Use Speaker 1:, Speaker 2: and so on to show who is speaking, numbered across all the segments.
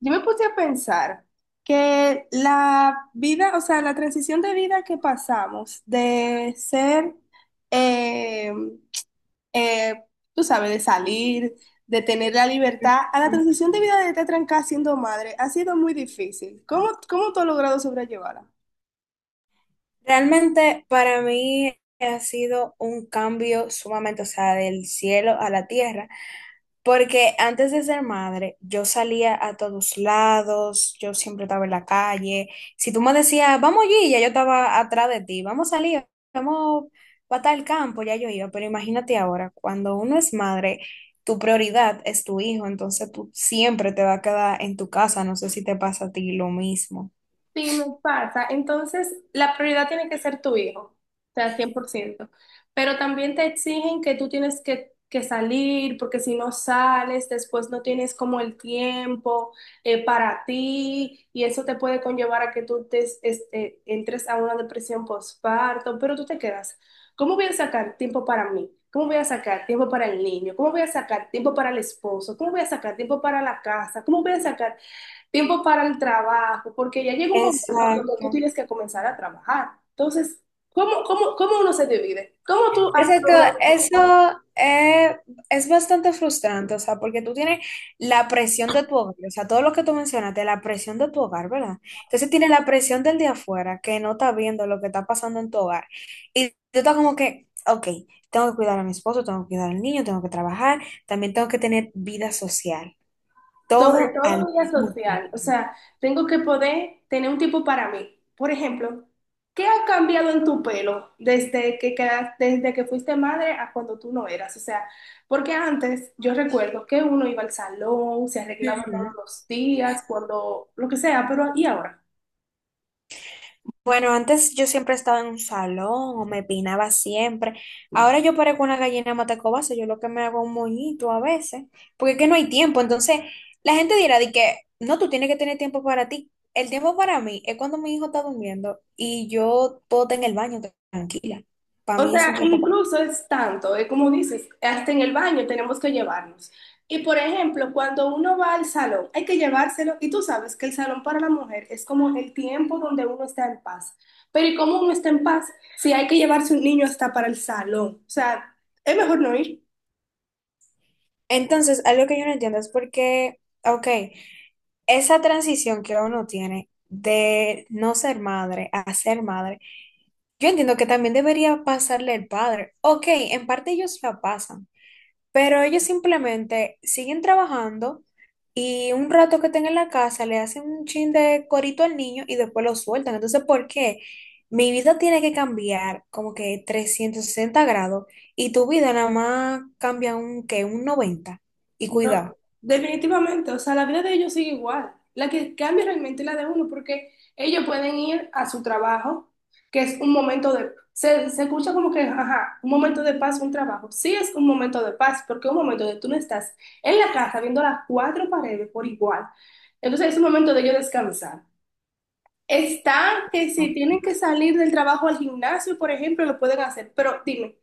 Speaker 1: Yo me puse a pensar que la vida, o sea, la transición de vida que pasamos de ser, eh, eh, tú sabes, de salir, de tener la libertad, a la transición de vida de estar trancada siendo madre, ha sido muy difícil. ¿Cómo, cómo tú has logrado sobrellevarla?
Speaker 2: Realmente para mí ha sido un cambio sumamente, o sea, del cielo a la tierra, porque antes de ser madre yo salía a todos lados, yo siempre estaba en la calle. Si tú me decías, vamos allí, ya yo estaba atrás de ti, vamos a salir, vamos para tal campo, ya yo iba. Pero imagínate ahora, cuando uno es madre, tu prioridad es tu hijo, entonces tú siempre te vas a quedar en tu casa. No sé si te pasa a ti lo mismo.
Speaker 1: Sí, me pasa. Entonces, la prioridad tiene que ser tu hijo, o sea, 100%. Pero también te exigen que tú tienes que salir, porque si no sales, después no tienes como el tiempo para ti, y eso te puede conllevar a que tú te, este, entres a una depresión postparto, pero tú te quedas. ¿Cómo voy a sacar tiempo para mí? ¿Cómo voy a sacar tiempo para el niño? ¿Cómo voy a sacar tiempo para el esposo? ¿Cómo voy a sacar tiempo para la casa? ¿Cómo voy a sacar tiempo para el trabajo? Porque ya llega un momento donde tú
Speaker 2: Exacto.
Speaker 1: tienes que comenzar a trabajar. Entonces, ¿cómo, cómo, cómo uno se divide? ¿Cómo tú has
Speaker 2: Exacto,
Speaker 1: logrado dividir?
Speaker 2: eso es bastante frustrante, o sea, porque tú tienes la presión de tu hogar, o sea, todo lo que tú mencionaste, la presión de tu hogar, ¿verdad? Entonces tienes la presión del de afuera, que no está viendo lo que está pasando en tu hogar. Y tú estás como que, ok, tengo que cuidar a mi esposo, tengo que cuidar al niño, tengo que trabajar, también tengo que tener vida social,
Speaker 1: ¿Sobre
Speaker 2: todo
Speaker 1: todo
Speaker 2: al
Speaker 1: vida
Speaker 2: mismo
Speaker 1: social? O sea, tengo que poder tener un tiempo para mí. Por ejemplo, ¿qué ha cambiado en tu pelo desde desde que fuiste madre a cuando tú no eras? O sea, porque antes yo recuerdo que uno iba al salón, se arreglaba todos
Speaker 2: tiempo.
Speaker 1: los días, cuando, lo que sea, pero ¿y ahora?
Speaker 2: Bueno, antes yo siempre estaba en un salón o me peinaba siempre. Ahora yo parezco una gallina matacobasa, yo lo que me hago un moñito a veces, porque es que no hay tiempo. Entonces, la gente dirá de que no, tú tienes que tener tiempo para ti. El tiempo para mí es cuando mi hijo está durmiendo y yo puedo estar en el baño tranquila. Para
Speaker 1: O
Speaker 2: mí es un
Speaker 1: sea,
Speaker 2: tiempo para...
Speaker 1: incluso es tanto, es como dices, hasta en el baño tenemos que llevarnos. Y por ejemplo, cuando uno va al salón, hay que llevárselo y tú sabes que el salón para la mujer es como el tiempo donde uno está en paz. Pero ¿y cómo uno está en paz si hay que llevarse un niño hasta para el salón? O sea, es mejor no ir.
Speaker 2: Entonces, algo que yo no entiendo es porque, ok, esa transición que uno tiene de no ser madre a ser madre, yo entiendo que también debería pasarle el padre. Ok, en parte ellos la pasan, pero ellos simplemente siguen trabajando, y un rato que estén en la casa le hacen un chin de corito al niño y después lo sueltan. Entonces, ¿por qué mi vida tiene que cambiar como que 360 grados y tu vida nada más cambia un que un 90? Y
Speaker 1: No,
Speaker 2: cuidado.
Speaker 1: definitivamente, o sea, la vida de ellos sigue igual. La que cambia realmente es la de uno, porque ellos pueden ir a su trabajo, que es un momento de, se escucha como que, ajá, un momento de paz, un trabajo. Sí es un momento de paz, porque es un momento de tú no estás en la casa viendo las cuatro paredes por igual. Entonces es un momento de ellos descansar. Está que si tienen que salir del trabajo al gimnasio, por ejemplo, lo pueden hacer, pero dime.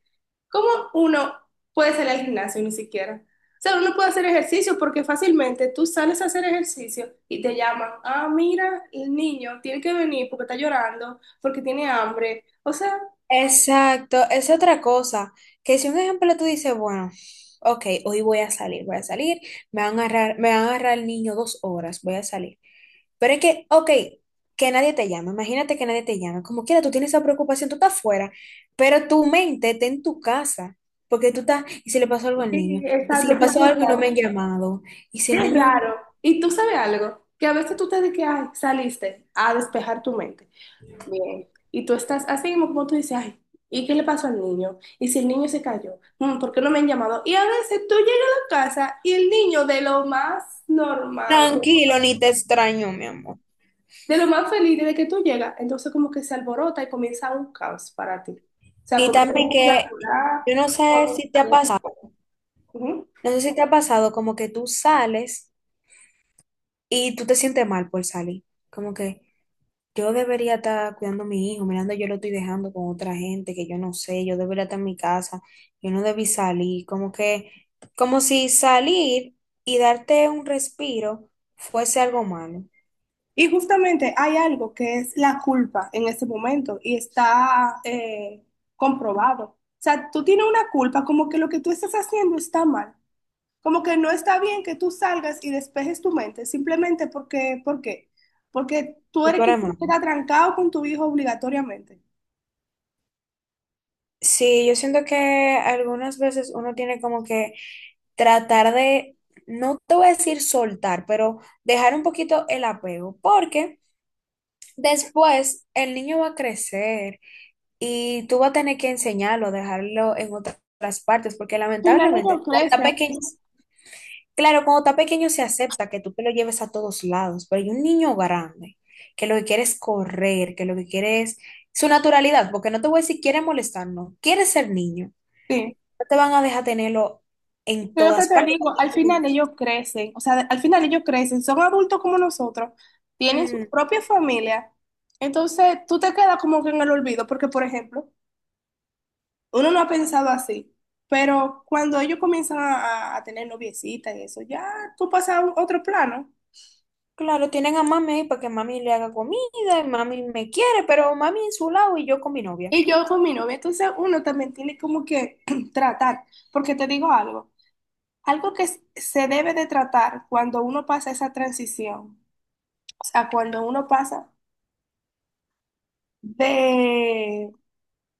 Speaker 1: ¿Cómo uno puede salir al gimnasio ni siquiera? O sea, uno puede hacer ejercicio porque fácilmente tú sales a hacer ejercicio y te llaman, ah, mira, el niño tiene que venir porque está llorando, porque tiene hambre. O sea,
Speaker 2: Exacto, es otra cosa, que si un ejemplo tú dices, bueno, ok, hoy voy a salir, me van a agarrar, me van a agarrar el niño 2 horas, voy a salir. Pero es que, ok, que nadie te llame, imagínate que nadie te llame, como quiera, tú tienes esa preocupación, tú estás fuera, pero tu mente está en tu casa, porque tú estás, y si le pasó algo al
Speaker 1: sí,
Speaker 2: niño, y si
Speaker 1: exacto,
Speaker 2: le
Speaker 1: sí,
Speaker 2: pasó algo y no me
Speaker 1: exacto.
Speaker 2: han llamado, y si
Speaker 1: Qué
Speaker 2: el niño...
Speaker 1: raro. Y tú sabes algo, que a veces tú te dices que "Ay, saliste a despejar tu mente. Bien." Y tú estás así mismo como tú dices, ay, ¿y qué le pasó al niño? ¿Y si el niño se cayó? Mm, ¿por qué no me han llamado? Y a veces tú llegas a la casa y el niño de lo más normal,
Speaker 2: Tranquilo, ni te extraño, mi amor.
Speaker 1: de lo más feliz de que tú llegas, entonces como que se alborota y comienza un caos para ti. O sea,
Speaker 2: Y
Speaker 1: como que
Speaker 2: también
Speaker 1: empieza
Speaker 2: que
Speaker 1: a llorar,
Speaker 2: yo no sé
Speaker 1: o-
Speaker 2: si te ha pasado.
Speaker 1: ujú.
Speaker 2: No sé si te ha pasado como que tú sales y tú te sientes mal por salir. Como que yo debería estar cuidando a mi hijo, mirando, yo lo estoy dejando con otra gente que yo no sé, yo debería estar en mi casa, yo no debí salir. Como que, como si salir y darte un respiro fuese algo malo,
Speaker 1: Y justamente hay algo que es la culpa en ese momento y está comprobado. O sea, tú tienes una culpa como que lo que tú estás haciendo está mal. Como que no está bien que tú salgas y despejes tu mente simplemente porque, ¿por qué? Porque tú
Speaker 2: o
Speaker 1: eres quien
Speaker 2: eres malo.
Speaker 1: queda trancado con tu hijo obligatoriamente.
Speaker 2: Sí, yo siento que algunas veces uno tiene como que tratar de, no te voy a decir soltar, pero dejar un poquito el apego. Porque después, el niño va a crecer y tú vas a tener que enseñarlo, dejarlo en otras partes, porque
Speaker 1: Al final
Speaker 2: lamentablemente,
Speaker 1: ellos
Speaker 2: cuando está
Speaker 1: crecen.
Speaker 2: pequeño, claro, cuando está pequeño se acepta que tú te lo lleves a todos lados. Pero hay un niño grande que lo que quiere es correr, que lo que quiere es su naturalidad, porque no te voy a decir quiere molestar, no, quiere ser niño.
Speaker 1: Sí,
Speaker 2: No te van a dejar tenerlo en
Speaker 1: es lo que
Speaker 2: todas
Speaker 1: te
Speaker 2: partes
Speaker 1: digo, al
Speaker 2: cuando tú...
Speaker 1: final ellos crecen. O sea, al final ellos crecen. Son adultos como nosotros. Tienen su
Speaker 2: Ujú.
Speaker 1: propia familia. Entonces tú te quedas como que en el olvido. Porque, por ejemplo, uno no ha pensado así. Pero cuando ellos comienzan a, a tener noviecita y eso, ya tú pasas a un- otro plano.
Speaker 2: Claro, tienen a mami ahí para que mami le haga comida, y mami me quiere, pero mami en su lado y yo con mi novia.
Speaker 1: Y yo con mi novia, entonces uno también tiene como que tratar, porque te digo algo, algo que se debe de tratar cuando uno pasa esa transición, o sea, cuando uno pasa de,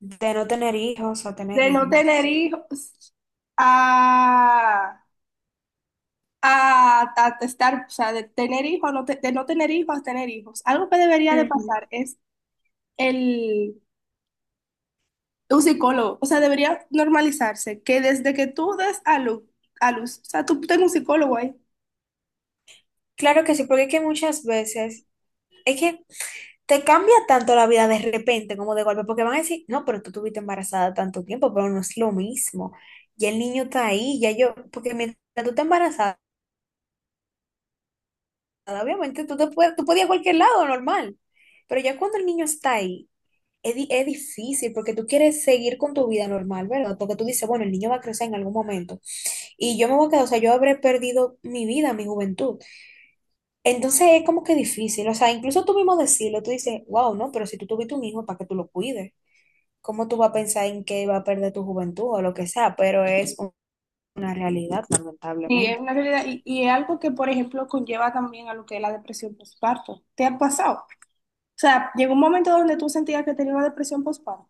Speaker 2: De no tener hijos a tener
Speaker 1: de no
Speaker 2: hijos.
Speaker 1: tener hijos a, a estar, o sea, de tener hijos, de no tener hijos a tener hijos, algo que debería de
Speaker 2: Ujú.
Speaker 1: pasar es el, un psicólogo, o sea, debería normalizarse que desde que tú des a luz, o sea, tú tengas un psicólogo ahí.
Speaker 2: Claro que sí, porque es que muchas veces es que te cambia tanto la vida de repente, como de golpe, porque van a decir, no, pero tú estuviste embarazada tanto tiempo, pero no es lo mismo. Ya el niño está ahí, ya yo, porque mientras tú estás embarazada, obviamente tú te puedes, tú puedes ir a cualquier lado, normal. Pero ya cuando el niño está ahí, es, es difícil, porque tú quieres seguir con tu vida normal, ¿verdad? Porque tú dices, bueno, el niño va a crecer en algún momento y yo me voy a quedar, o sea, yo habré perdido mi vida, mi juventud. Entonces es como que difícil, o sea, incluso tú mismo decirlo, tú dices, wow, no, pero si tú tuviste un hijo, ¿para que tú lo cuides? ¿Cómo tú vas a pensar en que va a perder tu juventud o lo que sea? Pero es una realidad,
Speaker 1: Sí, es
Speaker 2: lamentablemente.
Speaker 1: una realidad y es algo que, por ejemplo, conlleva también a lo que es la depresión postparto. ¿Te ha pasado? O sea, llegó un momento donde tú sentías que tenías una depresión postparto.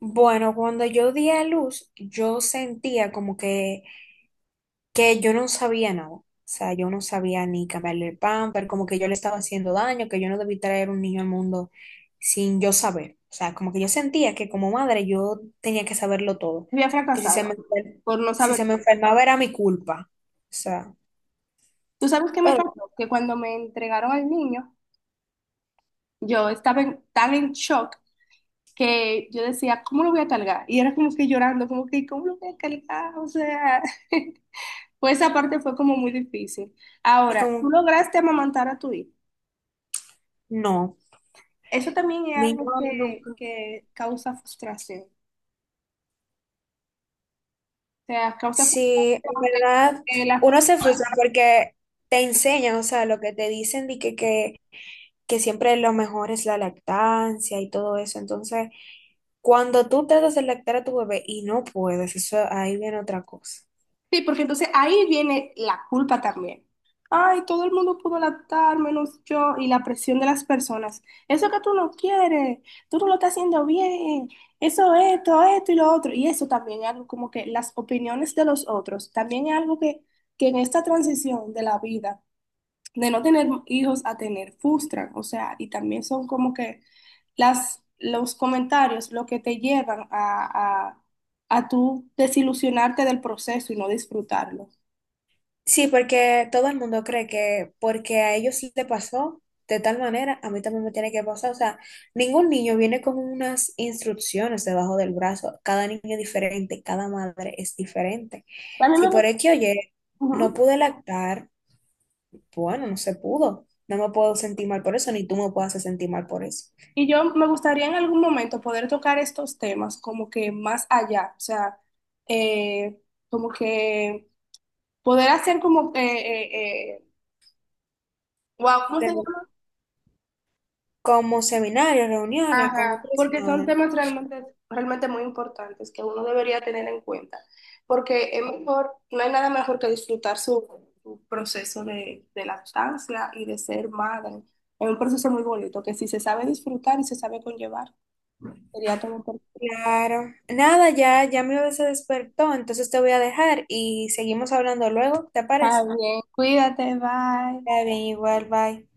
Speaker 2: Bueno, cuando yo di a luz, yo sentía como que yo no sabía nada. O sea, yo no sabía ni cambiarle el pamper, como que yo le estaba haciendo daño, que yo no debí traer un niño al mundo sin yo saber. O sea, como que yo sentía que como madre yo tenía que saberlo todo,
Speaker 1: Había
Speaker 2: que si
Speaker 1: fracasado
Speaker 2: se me,
Speaker 1: por no
Speaker 2: si se
Speaker 1: saber
Speaker 2: me
Speaker 1: todo.
Speaker 2: enfermaba era mi culpa. O sea,
Speaker 1: ¿Tú sabes qué me
Speaker 2: pero,
Speaker 1: pasó? Que cuando me entregaron al niño, yo estaba tan en shock que yo decía, ¿cómo lo voy a cargar? Y era como que llorando, como que, ¿cómo lo voy a cargar? O sea, pues esa parte fue como muy difícil.
Speaker 2: y
Speaker 1: Ahora, tú
Speaker 2: como,
Speaker 1: lograste amamantar a tu hijo.
Speaker 2: no,
Speaker 1: Eso también es
Speaker 2: mi hijo
Speaker 1: algo
Speaker 2: nunca.
Speaker 1: que causa frustración. Sea, causa
Speaker 2: Sí, en
Speaker 1: frustración. Que-
Speaker 2: verdad,
Speaker 1: que la-
Speaker 2: uno se frustra porque te enseñan, o sea, lo que te dicen de que siempre lo mejor es la lactancia y todo eso. Entonces, cuando tú tratas de lactar a tu bebé y no puedes, eso ahí viene otra cosa.
Speaker 1: Sí, porque entonces ahí viene la culpa también. Ay, todo el mundo pudo adaptar, menos yo, y la presión de las personas. Eso que tú no quieres, tú no lo estás haciendo bien, eso, esto y lo otro. Y eso también es algo como que las opiniones de los otros, también es algo que en esta transición de la vida, de no tener hijos a tener, frustran, o sea, y también son como que las, los comentarios lo que te llevan a tú desilusionarte del proceso y no disfrutarlo.
Speaker 2: Sí, porque todo el mundo cree que porque a ellos le pasó de tal manera, a mí también me tiene que pasar. O sea, ningún niño viene con unas instrucciones debajo del brazo. Cada niño es diferente, cada madre es diferente.
Speaker 1: A mí
Speaker 2: Si
Speaker 1: me
Speaker 2: por
Speaker 1: gusta.
Speaker 2: X o Y no
Speaker 1: Ujú.
Speaker 2: pude lactar, bueno, no se pudo. No me puedo sentir mal por eso, ni tú me puedes hacer sentir mal por eso.
Speaker 1: Y yo me gustaría en algún momento poder tocar estos temas como que más allá, o sea, eh, como que poder hacer como, wow, ¿cómo se llama?
Speaker 2: Como seminarios, reuniones con
Speaker 1: Ajá,
Speaker 2: otras
Speaker 1: porque son
Speaker 2: madres.
Speaker 1: temas realmente, realmente muy importantes que uno debería tener en cuenta, porque es mejor, no hay nada mejor que disfrutar su, su proceso de lactancia y de ser madre. Es un proceso muy bonito que si se sabe disfrutar y se sabe conllevar, sería todo perfecto.
Speaker 2: Claro. Nada, ya, ya mi bebé se despertó, entonces te voy a dejar y seguimos hablando luego, ¿te
Speaker 1: Está
Speaker 2: parece?
Speaker 1: bien, cuídate, bye.
Speaker 2: Está bien, igual, bye.